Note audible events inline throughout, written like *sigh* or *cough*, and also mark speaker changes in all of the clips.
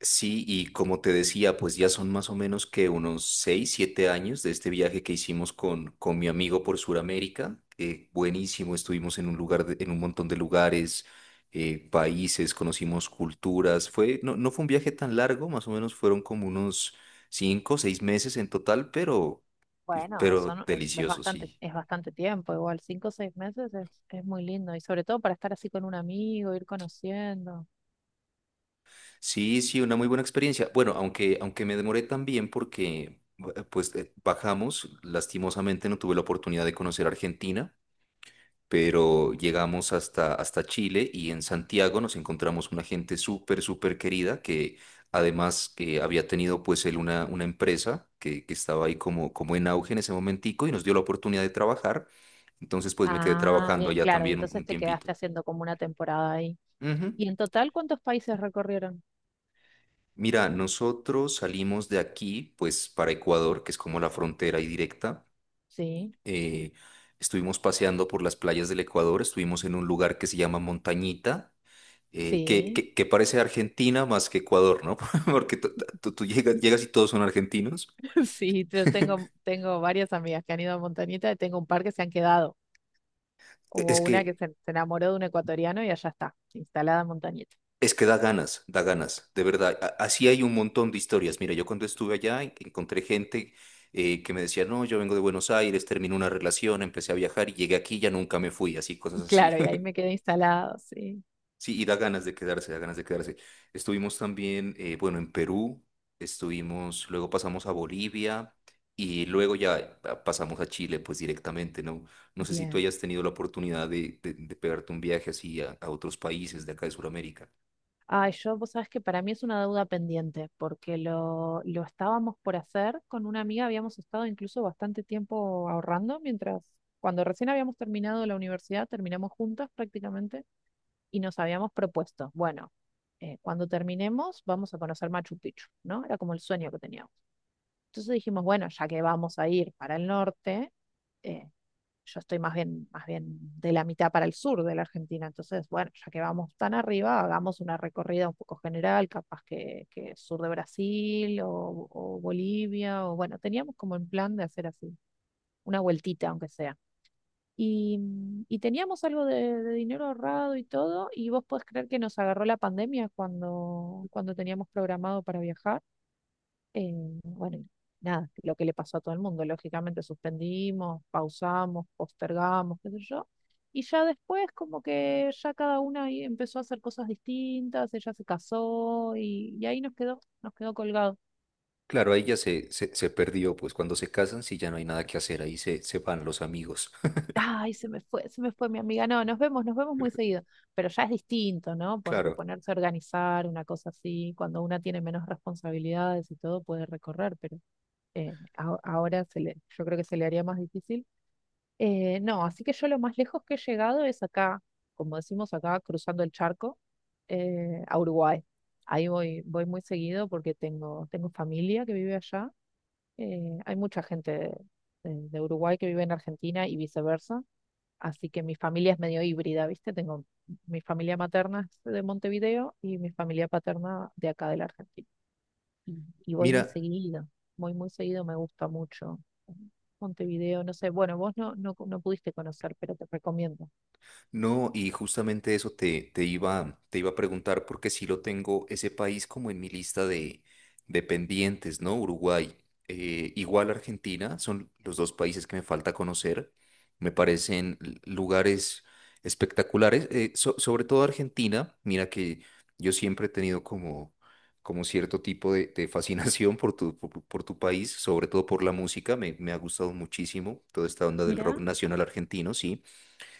Speaker 1: Sí, y como te decía, pues ya son más o menos que unos 6 7 años de este viaje que hicimos con mi amigo por Sudamérica. Buenísimo, estuvimos en un lugar, en un montón de lugares, países, conocimos culturas. No, no fue un viaje tan largo, más o menos fueron como unos 5 6 meses en total,
Speaker 2: Bueno, eso
Speaker 1: pero
Speaker 2: no-
Speaker 1: delicioso, sí.
Speaker 2: es bastante tiempo, igual cinco o seis meses es muy lindo y sobre todo para estar así con un amigo, ir conociendo.
Speaker 1: Sí, sí, una muy buena experiencia. Bueno, aunque me demoré también porque, pues, bajamos, lastimosamente no tuve la oportunidad de conocer Argentina, pero llegamos hasta Chile y en Santiago nos encontramos una gente súper, súper querida que además que había tenido, pues, él una empresa que estaba ahí como en auge en ese momentico y nos dio la oportunidad de trabajar. Entonces, pues, me quedé
Speaker 2: Ah,
Speaker 1: trabajando
Speaker 2: bien,
Speaker 1: allá
Speaker 2: claro, y
Speaker 1: también un,
Speaker 2: entonces
Speaker 1: un
Speaker 2: te
Speaker 1: tiempito.
Speaker 2: quedaste haciendo como una temporada ahí.
Speaker 1: Ujú.
Speaker 2: ¿Y en total cuántos países recorrieron?
Speaker 1: Mira, nosotros salimos de aquí, pues para Ecuador, que es como la frontera y directa.
Speaker 2: Sí,
Speaker 1: Eh, Estuvimos paseando por las playas del Ecuador, estuvimos en un lugar que se llama Montañita, que,
Speaker 2: sí,
Speaker 1: que, que parece Argentina más que Ecuador, ¿no? *laughs* Porque tú llegas
Speaker 2: *laughs*
Speaker 1: y todos son argentinos.
Speaker 2: sí, yo
Speaker 1: *laughs*
Speaker 2: tengo varias amigas que han ido a Montañita y tengo un par que se han quedado. Hubo
Speaker 1: Es
Speaker 2: una que
Speaker 1: que
Speaker 2: se enamoró de un ecuatoriano y allá está, instalada en Montañita.
Speaker 1: Es que da ganas, de verdad. Así hay un montón de historias. Mira, yo cuando estuve allá encontré gente que me decía, no, yo vengo de Buenos Aires, terminé una relación, empecé a viajar y llegué aquí y ya nunca me fui, así, cosas así.
Speaker 2: Claro, y ahí
Speaker 1: *laughs*
Speaker 2: me quedé instalado, sí.
Speaker 1: Sí, y da ganas de quedarse, da ganas de quedarse. Estuvimos también, bueno, en Perú, estuvimos, luego pasamos a Bolivia y luego ya pasamos a Chile, pues directamente, ¿no? No sé si tú
Speaker 2: Bien.
Speaker 1: hayas tenido la oportunidad de pegarte un viaje así a otros países de acá de Sudamérica.
Speaker 2: Ay, yo, vos sabés que para mí es una deuda pendiente, porque lo estábamos por hacer con una amiga, habíamos estado incluso bastante tiempo ahorrando mientras, cuando recién habíamos terminado la universidad, terminamos juntas prácticamente y nos habíamos propuesto, bueno, cuando terminemos vamos a conocer Machu Picchu, ¿no? Era como el sueño que teníamos. Entonces dijimos, bueno, ya que vamos a ir para el norte, eh, yo estoy más bien de la mitad para el sur de la Argentina, entonces, bueno, ya que vamos tan arriba, hagamos una recorrida un poco general, capaz que sur de Brasil o Bolivia, o bueno, teníamos como en plan de hacer así, una vueltita aunque sea. Y, y teníamos algo de dinero ahorrado y todo, y vos podés creer que nos agarró la pandemia cuando teníamos programado para viajar bueno, y nada, lo que le pasó a todo el mundo. Lógicamente suspendimos, pausamos, postergamos, qué sé yo. Y ya después, como que ya cada una ahí empezó a hacer cosas distintas, ella se casó y ahí nos quedó colgado.
Speaker 1: Claro, ahí ya se perdió, pues cuando se casan, sí, ya no hay nada que hacer, ahí se van los amigos. *laughs*
Speaker 2: Ay, se me fue mi amiga. No, nos vemos muy seguido. Pero ya es distinto, ¿no? Porque
Speaker 1: Claro,
Speaker 2: ponerse a organizar una cosa así, cuando una tiene menos responsabilidades y todo, puede recorrer, pero ahora se le, yo creo que se le haría más difícil. No, así que yo lo más lejos que he llegado es acá, como decimos acá, cruzando el charco, a Uruguay. Ahí voy, voy muy seguido porque tengo familia que vive allá. Hay mucha gente de Uruguay que vive en Argentina y viceversa. Así que mi familia es medio híbrida, ¿viste? Tengo mi familia materna es de Montevideo y mi familia paterna de acá de la Argentina y, y
Speaker 1: mira.
Speaker 2: voy muy seguido, me gusta mucho. Montevideo, no sé, bueno, vos no pudiste conocer, pero te recomiendo.
Speaker 1: No, y justamente eso te iba a preguntar, porque sí lo tengo ese país como en mi lista de pendientes, ¿no? Uruguay, igual Argentina, son los dos países que me falta conocer. Me parecen lugares espectaculares, sobre todo Argentina. Mira que yo siempre he tenido como cierto tipo de fascinación por por tu país, sobre todo por la música. Me ha gustado muchísimo toda esta onda del
Speaker 2: Mirá,
Speaker 1: rock nacional argentino, sí.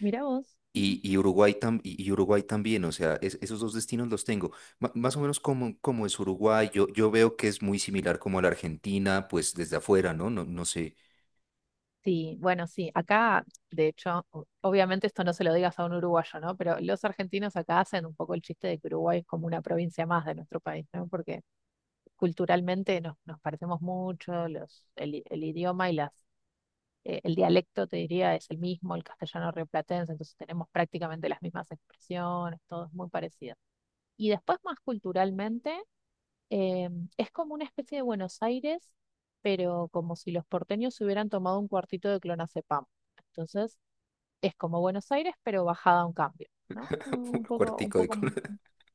Speaker 2: mirá vos.
Speaker 1: Y Uruguay también, o sea, esos dos destinos los tengo. Más o menos como es Uruguay, yo veo que es muy similar como a la Argentina, pues desde afuera, ¿no? No, no sé.
Speaker 2: Sí, bueno, sí, acá, de hecho, obviamente esto no se lo digas a un uruguayo, ¿no? Pero los argentinos acá hacen un poco el chiste de que Uruguay es como una provincia más de nuestro país, ¿no? Porque culturalmente nos parecemos mucho, el idioma y las el dialecto, te diría, es el mismo, el castellano rioplatense, entonces tenemos prácticamente las mismas expresiones, todo es muy parecido. Y después, más culturalmente, eh, es como una especie de Buenos Aires, pero como si los porteños se hubieran tomado un cuartito de clonazepam. Entonces, es como Buenos Aires, pero bajada a un cambio, ¿no?
Speaker 1: *laughs*
Speaker 2: Un
Speaker 1: Cuartico de...
Speaker 2: poco,
Speaker 1: col-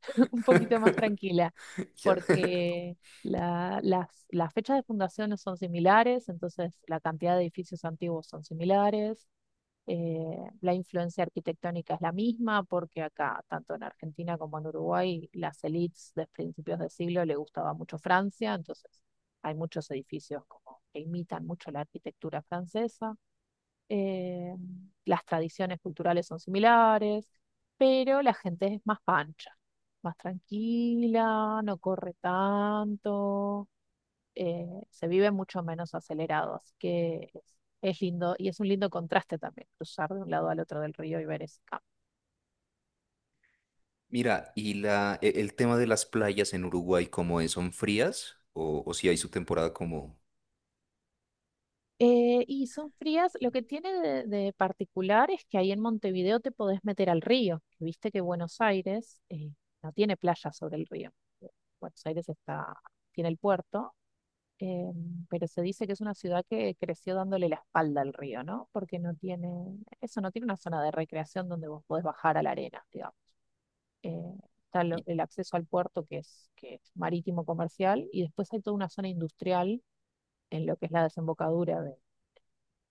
Speaker 2: *laughs* un poquito más
Speaker 1: *laughs*
Speaker 2: tranquila,
Speaker 1: Ya.
Speaker 2: porque las fechas de fundación no son similares, entonces la cantidad de edificios antiguos son similares, la influencia arquitectónica es la misma, porque acá, tanto en Argentina como en Uruguay, las élites de principios de siglo le gustaba mucho Francia, entonces hay muchos edificios como que imitan mucho la arquitectura francesa. Eh, las tradiciones culturales son similares, pero la gente es más pancha, más tranquila, no corre tanto, se vive mucho menos acelerado, así que es lindo y es un lindo contraste también cruzar de un lado al otro del río y ver ese campo.
Speaker 1: Mira, y el tema de las playas en Uruguay, ¿cómo es? ¿Son frías? O si hay su temporada como...
Speaker 2: Y son frías, lo que tiene de particular es que ahí en Montevideo te podés meter al río, viste que Buenos Aires no tiene playa sobre el río, Buenos Aires está, tiene el puerto, eh, pero se dice que es una ciudad que creció dándole la espalda al río, ¿no? Porque no tiene, eso no tiene una zona de recreación donde vos podés bajar a la arena, digamos. eh, el acceso al puerto que es marítimo comercial y después hay toda una zona industrial en lo que es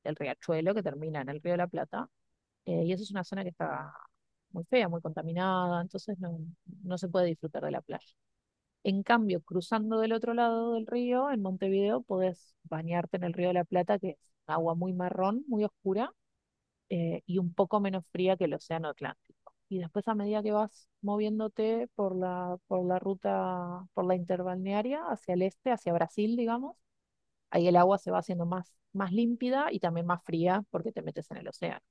Speaker 2: del riachuelo que termina en el Río de la Plata. Y esa es una zona que está muy fea, muy contaminada, entonces no, no se puede disfrutar de la playa. En cambio, cruzando del otro lado del río, en Montevideo, podés bañarte en el Río de la Plata, que es agua muy marrón, muy oscura, y un poco menos fría que el Océano Atlántico. Y después a medida que vas moviéndote por por la ruta, por la interbalnearia hacia el este, hacia Brasil, digamos, ahí el agua se va haciendo más, más límpida y también más fría porque te metes en el océano.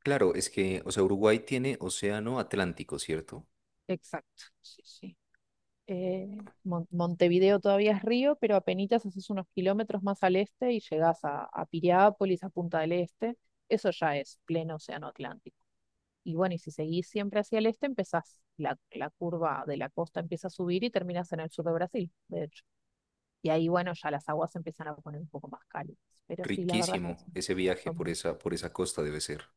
Speaker 1: Claro, es que, o sea, Uruguay tiene océano Atlántico, ¿cierto?
Speaker 2: Exacto, sí, sí. Montevideo todavía es río, pero apenitas haces unos kilómetros más al este y llegás a Piriápolis, a Punta del Este. Eso ya es pleno océano Atlántico. Y bueno, y si seguís siempre hacia el este, empezás, la curva de la costa empieza a subir y terminas en el sur de Brasil, de hecho. Y ahí, bueno, ya las aguas se empiezan a poner un poco más cálidas. Pero sí, la verdad es que
Speaker 1: Riquísimo
Speaker 2: sí,
Speaker 1: ese viaje
Speaker 2: son,
Speaker 1: por por esa costa debe ser.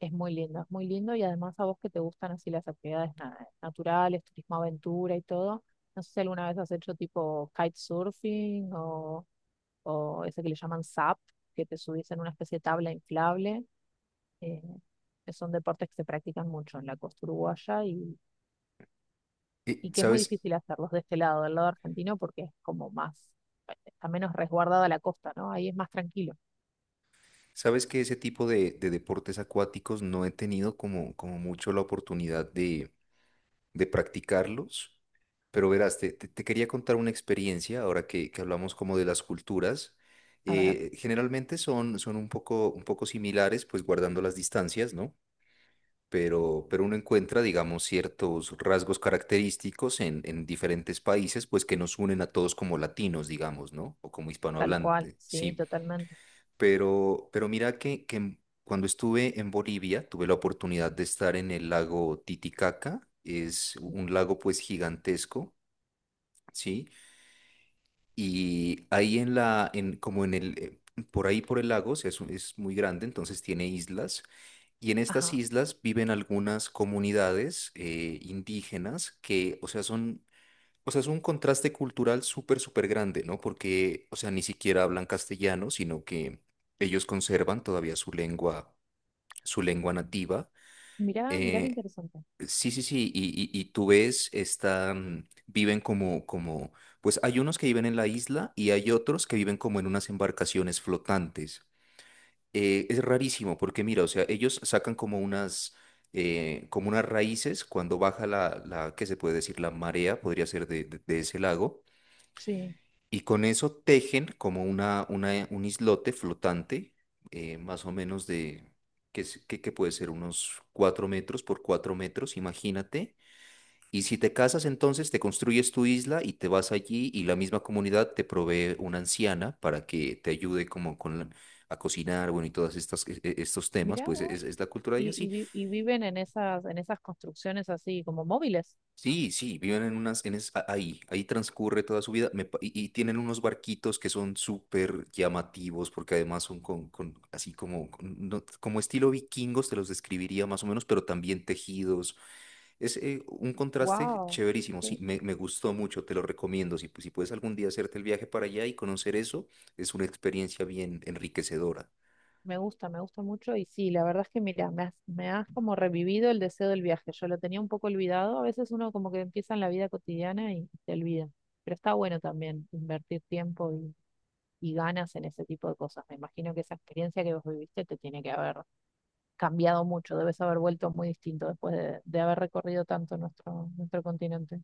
Speaker 2: es muy lindo, es muy lindo. Y además a vos que te gustan así las actividades naturales, turismo aventura y todo. No sé si alguna vez has hecho tipo kitesurfing o ese que le llaman SUP, que te subís en una especie de tabla inflable. eh, Son deportes que se practican mucho en la costa uruguaya
Speaker 1: Y,
Speaker 2: y que es muy
Speaker 1: ¿sabes?
Speaker 2: difícil hacerlos de este lado, del lado argentino, porque es como más, está menos resguardada la costa, ¿no? Ahí es más tranquilo.
Speaker 1: Sabes que ese tipo de deportes acuáticos no he tenido como mucho la oportunidad de practicarlos, pero verás, te quería contar una experiencia ahora que hablamos como de las culturas.
Speaker 2: A ver,
Speaker 1: Generalmente son un poco similares, pues guardando las distancias, ¿no? Pero uno encuentra, digamos, ciertos rasgos característicos en diferentes países, pues que nos unen a todos como latinos, digamos, ¿no? O como
Speaker 2: tal cual,
Speaker 1: hispanohablantes,
Speaker 2: sí,
Speaker 1: sí.
Speaker 2: totalmente.
Speaker 1: Pero mira que cuando estuve en Bolivia, tuve la oportunidad de estar en el lago Titicaca, es un lago pues gigantesco, ¿sí? Y ahí en la, en, como en el, por ahí por el lago, o sea, es muy grande, entonces tiene islas, y en estas
Speaker 2: Ajá,
Speaker 1: islas viven algunas comunidades indígenas que, o sea, son o sea, es un contraste cultural súper, súper grande, ¿no? Porque, o sea, ni siquiera hablan castellano, sino que ellos conservan todavía su lengua nativa.
Speaker 2: mirá, mirá qué
Speaker 1: Eh,
Speaker 2: interesante.
Speaker 1: sí, sí, sí, y, y tú ves, viven pues hay unos que viven en la isla y hay otros que viven como en unas embarcaciones flotantes. Es rarísimo porque, mira, o sea, ellos sacan como unas raíces cuando baja ¿qué se puede decir? La marea, podría ser de ese lago.
Speaker 2: Sí,
Speaker 1: Y con eso tejen como un islote flotante, más o menos de, que, es- que puede ser unos 4 metros por 4 metros, imagínate. Y si te casas, entonces te construyes tu isla y te vas allí y la misma comunidad te provee una anciana para que te ayude como a cocinar, bueno, y todas estos temas,
Speaker 2: mirá
Speaker 1: pues
Speaker 2: vos.
Speaker 1: es la cultura de ellas. Sí,
Speaker 2: Y viven en esas construcciones así como móviles.
Speaker 1: sí, sí, viven en unas, en es- a- ahí, ahí transcurre toda su vida y tienen unos barquitos que son súper llamativos porque además son con así como, como estilo vikingos, te los describiría más o menos, pero también tejidos. Es un contraste
Speaker 2: Wow.
Speaker 1: chéverísimo, sí, me gustó mucho, te lo recomiendo. Si puedes algún día hacerte el viaje para allá y conocer eso, es una experiencia bien enriquecedora.
Speaker 2: Me gusta mucho y sí, la verdad es que mira, me has como revivido el deseo del viaje. Yo lo tenía un poco olvidado. A veces uno como que empieza en la vida cotidiana y te olvida. Pero está bueno también invertir tiempo y ganas en ese tipo de cosas. Me imagino que esa experiencia que vos viviste te tiene que haber cambiado mucho. Debes haber vuelto muy distinto después de haber recorrido tanto nuestro, nuestro continente.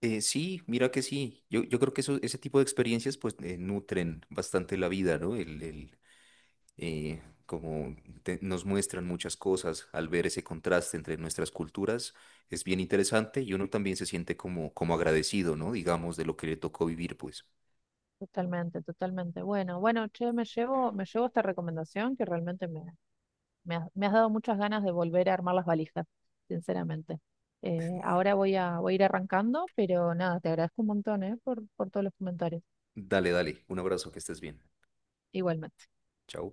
Speaker 1: Sí, mira que sí. Yo creo que eso, ese tipo de experiencias pues nutren bastante la vida, ¿no? Eh, como Nos muestran muchas cosas al ver ese contraste entre nuestras culturas, es bien interesante y uno también se siente como agradecido, ¿no? Digamos, de lo que le tocó vivir, pues.
Speaker 2: Totalmente, totalmente. Bueno, bueno, che, me llevo esta recomendación que realmente me, me has, me has dado muchas ganas de volver a armar las valijas, sinceramente. Ahora voy a, voy a ir arrancando, pero nada, te agradezco un montón, por todos los comentarios.
Speaker 1: Dale, dale, un abrazo, que estés bien.
Speaker 2: Igualmente.
Speaker 1: Chao.